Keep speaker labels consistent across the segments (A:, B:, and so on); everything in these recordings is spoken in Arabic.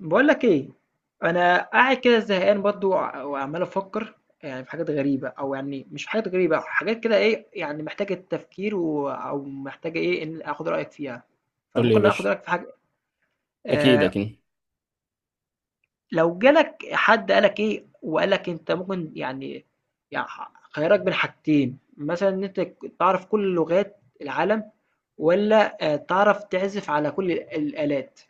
A: بقول لك ايه. انا قاعد كده زهقان برضو وعمال افكر. يعني في حاجات غريبه او يعني مش في حاجات غريبه، حاجات كده ايه، يعني محتاجه تفكير او محتاجه ايه، ان اخد رايك فيها.
B: قول لي يا
A: فممكن اخد
B: باشا.
A: رايك في حاجه.
B: اكيد
A: آه.
B: اكيد
A: لو جالك حد قالك ايه وقالك انت ممكن يعني، يعني خيارك بين حاجتين مثلا، ان انت تعرف كل لغات العالم، ولا تعرف تعزف على كل الالات،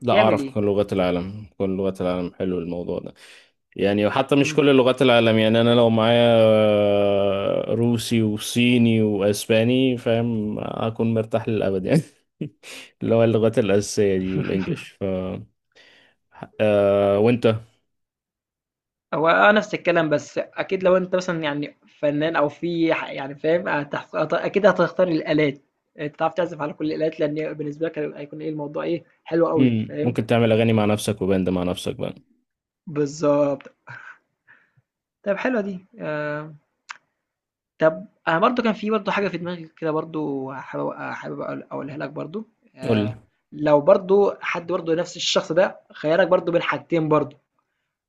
B: لا،
A: تعمل
B: اعرف
A: ايه؟
B: كل لغات العالم. كل لغات العالم حلو الموضوع ده. يعني وحتى مش كل لغات العالم، يعني انا لو معايا روسي وصيني واسباني، فاهم اكون مرتاح للابد يعني. اللي هو اللغات الاساسيه دي والانجليش آه. وانت؟
A: هو نفس الكلام، بس أكيد لو أنت مثلًا يعني فنان أو في ح يعني فاهم، هتحت هت أكيد هتختار الآلات. أنت تعرف تعزف على كل الآلات، لأن بالنسبة لك هي هيكون إيه الموضوع، إيه حلو أوي،
B: مم.
A: فاهم؟
B: ممكن تعمل اغاني مع نفسك وباند مع نفسك بقى.
A: بالضبط. طب حلوة دي. طب أنا برضه كان في برضه حاجة في دماغي كده برضه، حابب أقولها لك برضه.
B: قول لي.
A: آآ، لو برضه حد برضه نفس الشخص ده خيّرك برضه بين حاجتين برضه،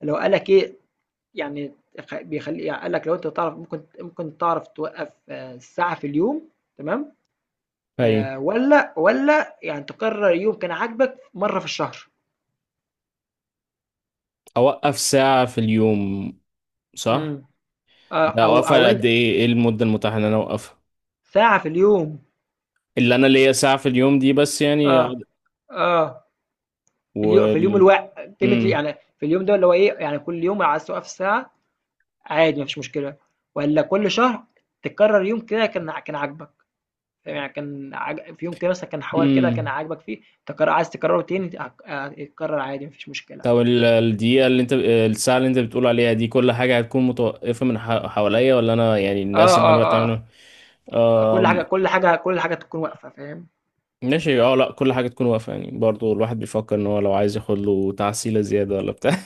A: اللي هو قال لك إيه، يعني بيخلي يعني قال لك لو انت تعرف ممكن تعرف توقف ساعة في اليوم. تمام.
B: هاي.
A: ولا يعني تقرر يوم كان عاجبك مرة في الشهر.
B: اوقف ساعه في اليوم. صح،
A: امم.
B: ده
A: او
B: اوقفها
A: انت.
B: قد ايه؟ ايه المده المتاحه ان انا اوقفها؟
A: ساعة في اليوم.
B: اللي انا ليا ساعة في اليوم دي بس، يعني
A: اه اه. في اليوم
B: وال
A: الواحد، كلمة
B: امم.
A: يعني في اليوم ده اللي هو ايه، يعني كل يوم عايز توقف ساعة عادي مفيش مشكلة، ولا كل شهر تكرر يوم كده كان عاجبك. يعني في يوم كده مثلا كان حوار كده كان
B: امم.
A: عاجبك فيه تكرر، عايز تكرره تاني هيتكرر عادي مفيش مشكلة.
B: طب الدقيقة اللي انت، الساعة اللي انت بتقول عليها دي، كل حاجة هتكون متوقفة من حواليا ولا انا يعني
A: آه،
B: الناس اللي انا بتعامل
A: آه،
B: معاهم؟
A: كل حاجة
B: آم.
A: كل حاجة كل حاجة تكون واقفة، فاهم؟
B: ماشي. اه، لا كل حاجة تكون واقفة، يعني برضو الواحد بيفكر ان هو لو عايز ياخد له تعسيلة زيادة ولا بتاع.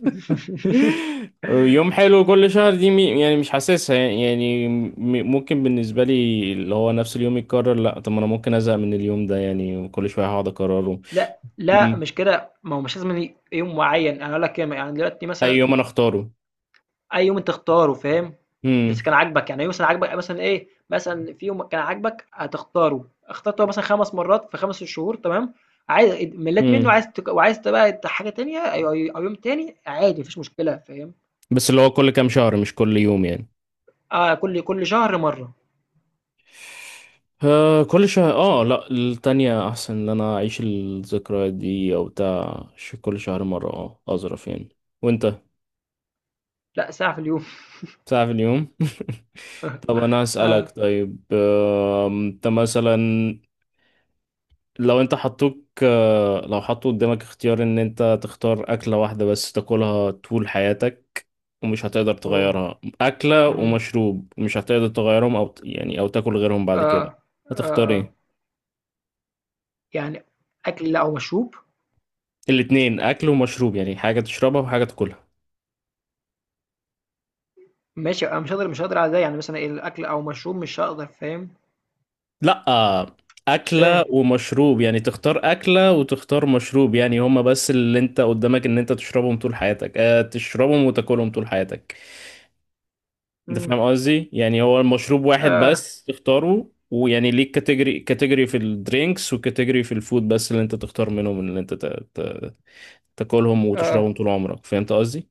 B: يوم حلو كل شهر دي يعني مش حاسسها يعني، يعني ممكن بالنسبة لي اللي هو نفس اليوم يتكرر، لا طب ما انا ممكن ازهق من اليوم ده يعني، وكل شوية هقعد اكرره.
A: لأ، لأ،
B: امم.
A: مش كده، ما هو مش لازم يوم معين، أنا هاقول لك يعني دلوقتي
B: اي
A: مثلًا.
B: يوم انا اختاره.
A: أي يوم أنت اختاره، فاهم؟
B: امم.
A: بس كان عاجبك، يعني مثلًا عاجبك مثلًا إيه، مثلًا في يوم كان عاجبك هتختاره، اخترته مثلًا 5 مرات في 5 شهور تمام. مليت منه،
B: امم.
A: عايز وعايز بقى حاجة تانية أو أو يوم تاني عادي ما فيش مشكلة، فاهم؟
B: بس اللي هو كل كام شهر مش كل يوم يعني.
A: كل شهر مرة.
B: آه كل شهر، اه لا التانية احسن ان انا اعيش الذكرى دي او بتاع كل شهر مرة، اه اظرف يعني. وانت؟
A: لأ، ساعة في اليوم.
B: ساعة في اليوم. طب انا هسألك
A: آه.
B: طيب، آه انت مثلا لو انت حطوك، آه لو حطوا قدامك اختيار ان انت تختار اكلة واحدة بس تاكلها طول حياتك ومش هتقدر
A: أوه.
B: تغيرها، أكلة
A: إمم.
B: ومشروب مش هتقدر تغيرهم أو يعني أو تاكل غيرهم بعد كده.
A: آه، آه،
B: هتختار
A: آه.
B: ايه؟
A: يعني أكل أو مشروب؟
B: الاتنين، أكل ومشروب، يعني حاجة تشربها وحاجة تاكلها.
A: ماشي. أنا مش هاقدر على ده، يعني مثلًا إيه الأكل أو مشروب مش هاقدر، فاهم؟
B: لأ،
A: مش فاهم.
B: أكلة ومشروب يعني تختار أكلة وتختار مشروب، يعني هما بس اللي أنت قدامك إن أنت تشربهم طول حياتك، أه تشربهم وتاكلهم طول حياتك. أنت
A: إمم.
B: فاهم قصدي؟ يعني هو المشروب واحد
A: آه،
B: بس تختاره، ويعني ليك كاتيجوري كاتيجوري في الدرينكس وكاتيجوري في الفود، بس اللي أنت تختار منهم اللي أنت تاكلهم
A: آه، آه.
B: وتشربهم طول عمرك. فهمت قصدي؟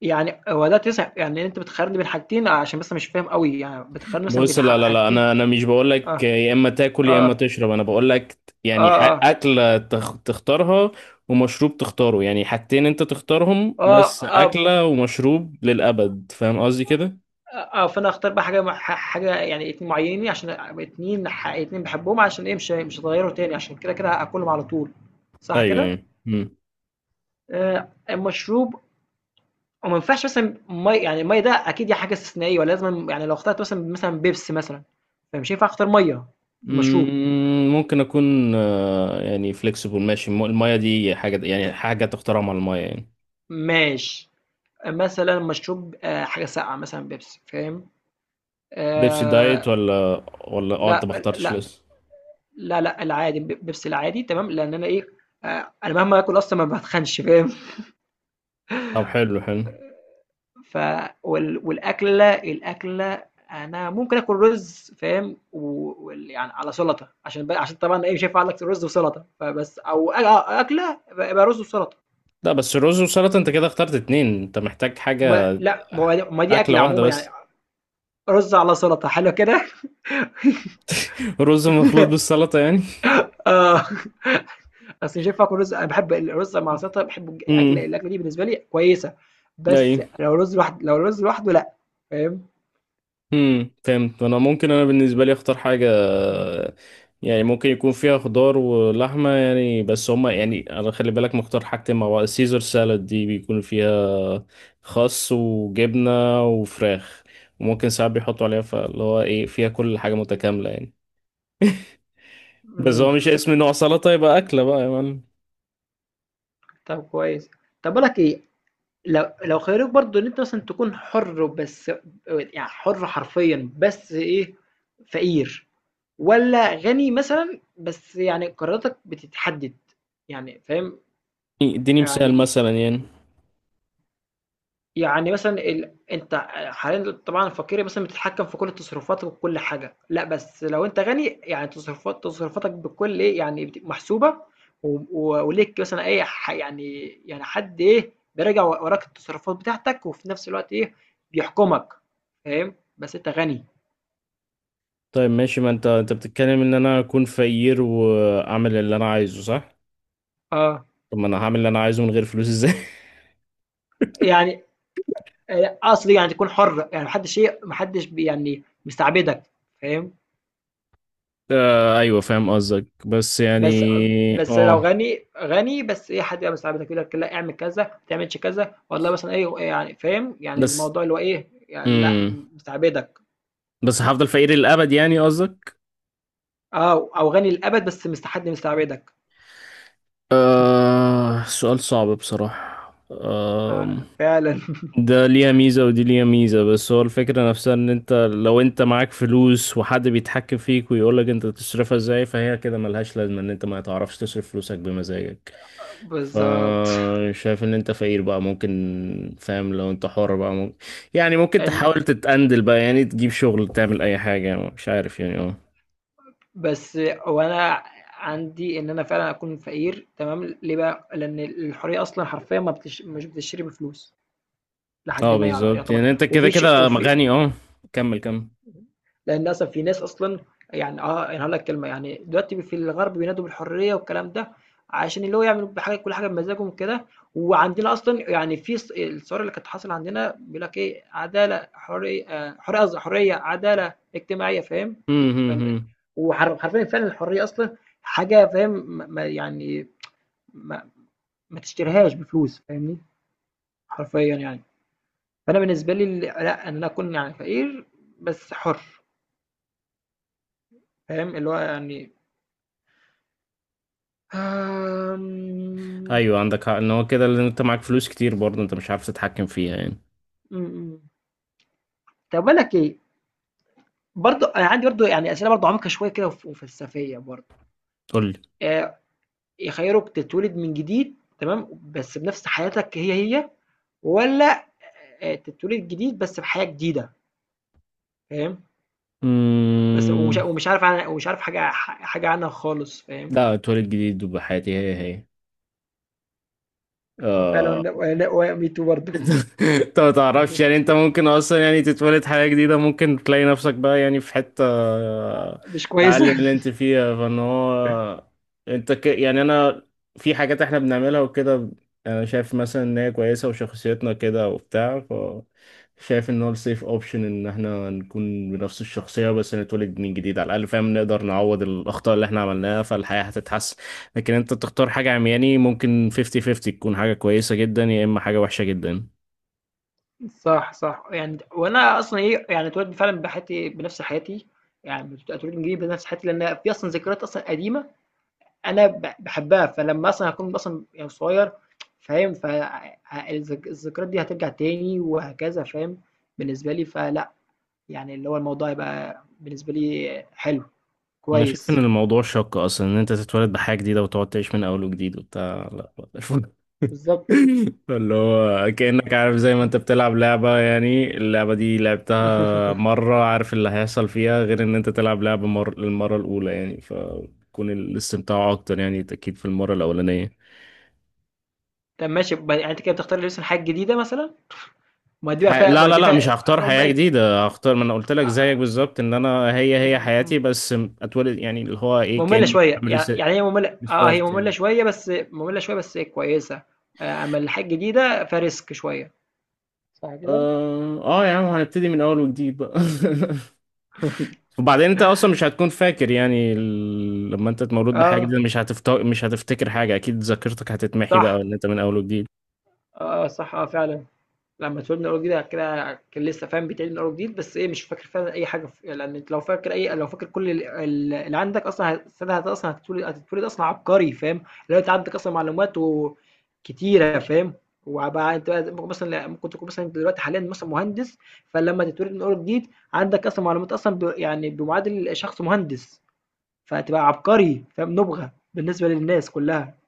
A: يعني هو ده تسع، يعني أنت بتخيّرني بين حاجتين عشان بس مش فاهم أوي، يعني بتخيّرني مثلًا
B: بص،
A: بين
B: لا لا لا انا
A: حاجتين.
B: انا مش بقول لك
A: آه،
B: يا اما تاكل يا اما
A: آه،
B: تشرب، انا بقول لك يعني
A: آه، آه،
B: اكله تختارها، ومشروب تختاره، يعني حاجتين انت تختارهم
A: آه،
B: بس،
A: آه، آه.
B: اكله ومشروب للابد. فاهم قصدي كده؟
A: آه، آه، فأنا هاختار بقى حاجة مع حاجة يعني معيّنين عشان أبقى 2 2 باحبهم، عشان إيه مش هاغيّروا تاني، عشان كده هاكلهم على طول. صح
B: ايوه
A: كده؟
B: يعني مم.
A: المشروب. وما ينفعش مثلا يعني المية ده أكيد دي حاجة استثنائية، ولازم يعني لو اخترت مثلا بيبسي مثلا، فمش هينفع أختار مية في مشروب.
B: مم، ممكن اكون يعني فليكسيبل. ماشي، الميه دي حاجه، يعني حاجه تختارها مع الميه يعني.
A: ماشي. مثلا مشروب حاجة ساقعة مثلا بيبسي، فاهم؟
B: بيبسي دايت
A: آه.
B: ولا ولا اه انت ما
A: لا
B: اخترتش
A: لا
B: لسه؟
A: لا لا، العادي، بيبسي العادي تمام، لأن أنا إيه، أنا مهما آكل أصلا ما بتخنش، فاهم؟
B: طب حلو.
A: ف والأكلة أنا ممكن آكل رز، فاهم؟ يعني على سلطة، عشان عشان طبعًا إيه مش هينفع أقول لك رز وسلطة، فبس أو أ أكلة يبقى رز وسلطة.
B: لا، بس رز وسلطة انت كده اخترت اتنين، انت محتاج
A: ما
B: حاجة
A: لأ ما هو د ما دي
B: أكلة
A: أكلة
B: واحدة
A: عمومًا، يعني
B: بس.
A: رز على سلطة، حلو كده.
B: رز مخلوط بالسلطة يعني.
A: آه. بس مش هينفع آكل رز، أنا باحب الرز مع السلطة، باحبه، أكلة
B: امم.
A: دي بالنسبة لي كويسة،
B: اي.
A: بس لو رز لوحده لأ، فاهم؟
B: امم، فهمت. انا ممكن، انا بالنسبة لي اختار حاجة
A: إمم،
B: يعني ممكن يكون فيها خضار ولحمة، يعني بس هما يعني انا خلي بالك مختار حاجتين مع بعض. السيزر سالاد دي بيكون فيها خس وجبنة وفراخ، وممكن ساعات بيحطوا عليها فاللي هو ايه، فيها كل حاجة متكاملة يعني. بس
A: إمم.
B: هو مش اسم نوع سلطة، يبقى أكلة بقى يا معلم.
A: طب كويس. طب باقول لك إيه. لو خيروك برضو ان انت مثلا تكون حر، بس يعني حر حرفيا، بس ايه، فقير ولا غني مثلا، بس يعني قراراتك بتتحدد، يعني فاهم؟
B: اديني مثال
A: يعني.
B: مثلا يعني.
A: يعني مثلًا أنت حاليًا طبعًا الفقير مثلًا بتتحكم في كل تصرفاتك وكل حاجة. لأ بس لو أنت غني يعني تصرفاتك بكل إيه، يعني محسوبة، و و وليك مثلًا إيه يعني، يعني حد إيه بيراجع وراك التصرفات بتاعتك، وفي نفس الوقت إيه بيحكمك، فاهم؟ بس أنت غني.
B: طيب ماشي، ما انت انت بتتكلم ان انا اكون فقير واعمل اللي انا عايزه، صح؟
A: آه.
B: طب ما انا هعمل اللي انا عايزه من غير فلوس ازاي؟
A: يعني قصدي يعني تكون حر، يعني ما حدش إيه ما حدش ب يعني مستعبدك، فاهم؟
B: آه ايوه فاهم قصدك، بس يعني
A: بس بس لو
B: اه.
A: غني غني، بس ايه حد يبقى مساعدك يقول لك لا اعمل كذا، ما تعملش كذا والله مثلا ايه، يعني فاهم؟ يعني
B: بس.
A: الموضوع اللي هو ايه، يعني لا
B: امم.
A: مستعبدك.
B: بس هفضل فقير للابد يعني قصدك؟
A: اه، او غني للابد بس حد مستعبدك.
B: آه سؤال صعب بصراحة. آه.
A: آه، فعلا.
B: ده ليها ميزة ودي ليها ميزة، بس هو الفكرة نفسها ان انت لو انت معاك فلوس وحد بيتحكم فيك ويقولك انت تصرفها ازاي، فهي كده ملهاش لازمة ان انت ما تعرفش تصرف فلوسك بمزاجك. ف
A: بالظبط.
B: شايف ان انت فقير بقى ممكن، فاهم؟ لو انت حر بقى ممكن يعني ممكن
A: ال-
B: تحاول تتقندل بقى، يعني تجيب شغل، تعمل اي حاجة يعني مش عارف يعني اه.
A: بس وانا عندي ان انا فعلا اكون فقير تمام، ليه بقى؟ لان الحريه اصلا حرفيا ما بتش... مش بتشتري بفلوس، لحد
B: اه
A: ما يعني
B: بالظبط،
A: يعتبر
B: يعني انت كده كده
A: وفي
B: غني اه. كمل كمل.
A: لان اصلا في ناس اصلا. يعني انا هقول لك كلمه، يعني دلوقتي في الغرب بينادوا بالحريه والكلام ده، عشان اللي هو يعمل بحاجه كل حاجه بمزاجهم كده، وعندنا اصلا يعني في الثوره اللي كانت حاصله عندنا بيقول لك ايه، عداله حريه، آه، حريه قصدي حريه عداله اجتماعيه، فاهم؟
B: مم، مم، مم.
A: وحرفيا فعلا الحريه اصلا حاجه فاهم، يعني ما, ما تشتريهاش بفلوس، فاهمني؟ حرفيا يعني، فانا بالنسبه لي ال- لا ان انا اكون يعني فقير بس حر، فاهم؟ اللي هو يعني. آمم.
B: ايوه عندك حق، ان هو كده اللي انت معاك فلوس كتير برضه انت مش عارف تتحكم فيها يعني.
A: إمم، إمم. طب باقول لك إيه، برضه أنا عندي برضه يعني أسئلة برضه عميقة شوية كده، وفلسفية برضه.
B: قول لي.
A: آآ يخيّروك تتولد من جديد تمام، بس بنفس حياتك هي، هي، والّا تتولد جديد بس بحياة جديدة، فاهم؟ بس
B: مم...
A: ومش عارف عنها، ومش عارف حاجة حاجة عنها خالص، فاهم؟
B: لا، اتولد جديد وبحياتي هي هي. آه...
A: فعلًا. و و me too برضه.
B: انت ما تعرفش يعني، انت ممكن اصلا يعني تتولد حياة جديدة، ممكن تلاقي نفسك بقى يعني في حتة
A: مش كويسة.
B: اقل من اللي انت فيها، فان هو انت يعني انا في حاجات احنا بنعملها وكده، انا شايف مثلا ان هي كويسة وشخصيتنا كده وبتاع. ف شايف ان هو السيف اوبشن ان احنا نكون بنفس الشخصية بس نتولد من جديد على الاقل، فاهم؟ نقدر نعوض الاخطاء اللي احنا عملناها، فالحياة هتتحسن. لكن انت تختار حاجة عمياني، ممكن 50-50 تكون حاجة كويسة جدا يا اما حاجة وحشة جدا.
A: صح صح، يعني وانا اصلا ايه، يعني اتولدت فعلا بحياتي، بنفس حياتي، يعني اتولدت جديد بنفس حياتي، لان في اصلا ذكريات اصلا قديمه انا بحبها، فلما اصلا هكون اصلا يعني صغير، فاهم؟ فالذكريات دي هترجع تاني وهكذا، فاهم؟ بالنسبه لي فلا، يعني اللي هو الموضوع يبقى بالنسبه لي حلو
B: انا شايف ان
A: كويس.
B: الموضوع شاق اصلا ان انت تتولد بحاجة جديدة وتقعد تعيش من اول وجديد وبتاع، لا لا.
A: بالظبط.
B: اللي هو كأنك عارف زي ما انت بتلعب لعبة، يعني اللعبة دي لعبتها مرة، عارف اللي هيحصل فيها، غير ان انت تلعب لعبة للمرة الأولى، يعني فكون الاستمتاع أكتر يعني أكيد في المرة الأولانية.
A: طب ماشي. يعني انت كده بتختار لسه حاجه جديده مثلا، ما دي بقى فيها،
B: لا
A: ما
B: لا
A: دي
B: لا مش هختار حياة جديدة، هختار ما انا قلت لك زيك
A: فيها
B: بالظبط، ان انا هي هي حياتي بس اتولد، يعني اللي هو ايه
A: مملة
B: كاني
A: شوية.
B: عامل
A: يعني هي مملة، هي
B: ريستارت
A: مملة
B: يعني.
A: شوية، بس مملة شوية بس كويسة. أمّا الحاجات الجديدة فRisk شوية. صح كده؟
B: اه اه يا عم، هنبتدي من اول وجديد بقى. وبعدين انت اصلا مش هتكون فاكر يعني لما انت مولود بحاجة
A: آه،
B: جديدة مش مش هتفتكر حاجة، اكيد ذاكرتك هتتمحي بقى
A: صح،
B: ان انت من اول وجديد.
A: آه، صح، آه، فعلًا. لمّا اتولد من أول وجديد، كده كان لسه فاهم، بيتعيد من أول وجديد، بس إيه مش فاكر فعلًا أي حاجة، لأن أنت لو فاكر لو فاكر كل ال ال اللي عندك أصلًا ساعتها أصلًا هتتولد أصلًا عبقري، فاهم؟ اللي هو أنت عندك أصلًا معلومات كتيرة، فاهم؟ وبقى أنت بقى ممكن مثلًا تكون مثلًا انت دلوقتي حاليًا مثلًا مهندس، فلمّا تتولد من أول وجديد عندك أصلًا معلومات أصلًا يعني بمعادل شخص مهندس، فهتبقى عبقري، فاهم؟ نُبغة بالنسبة للناس كلها.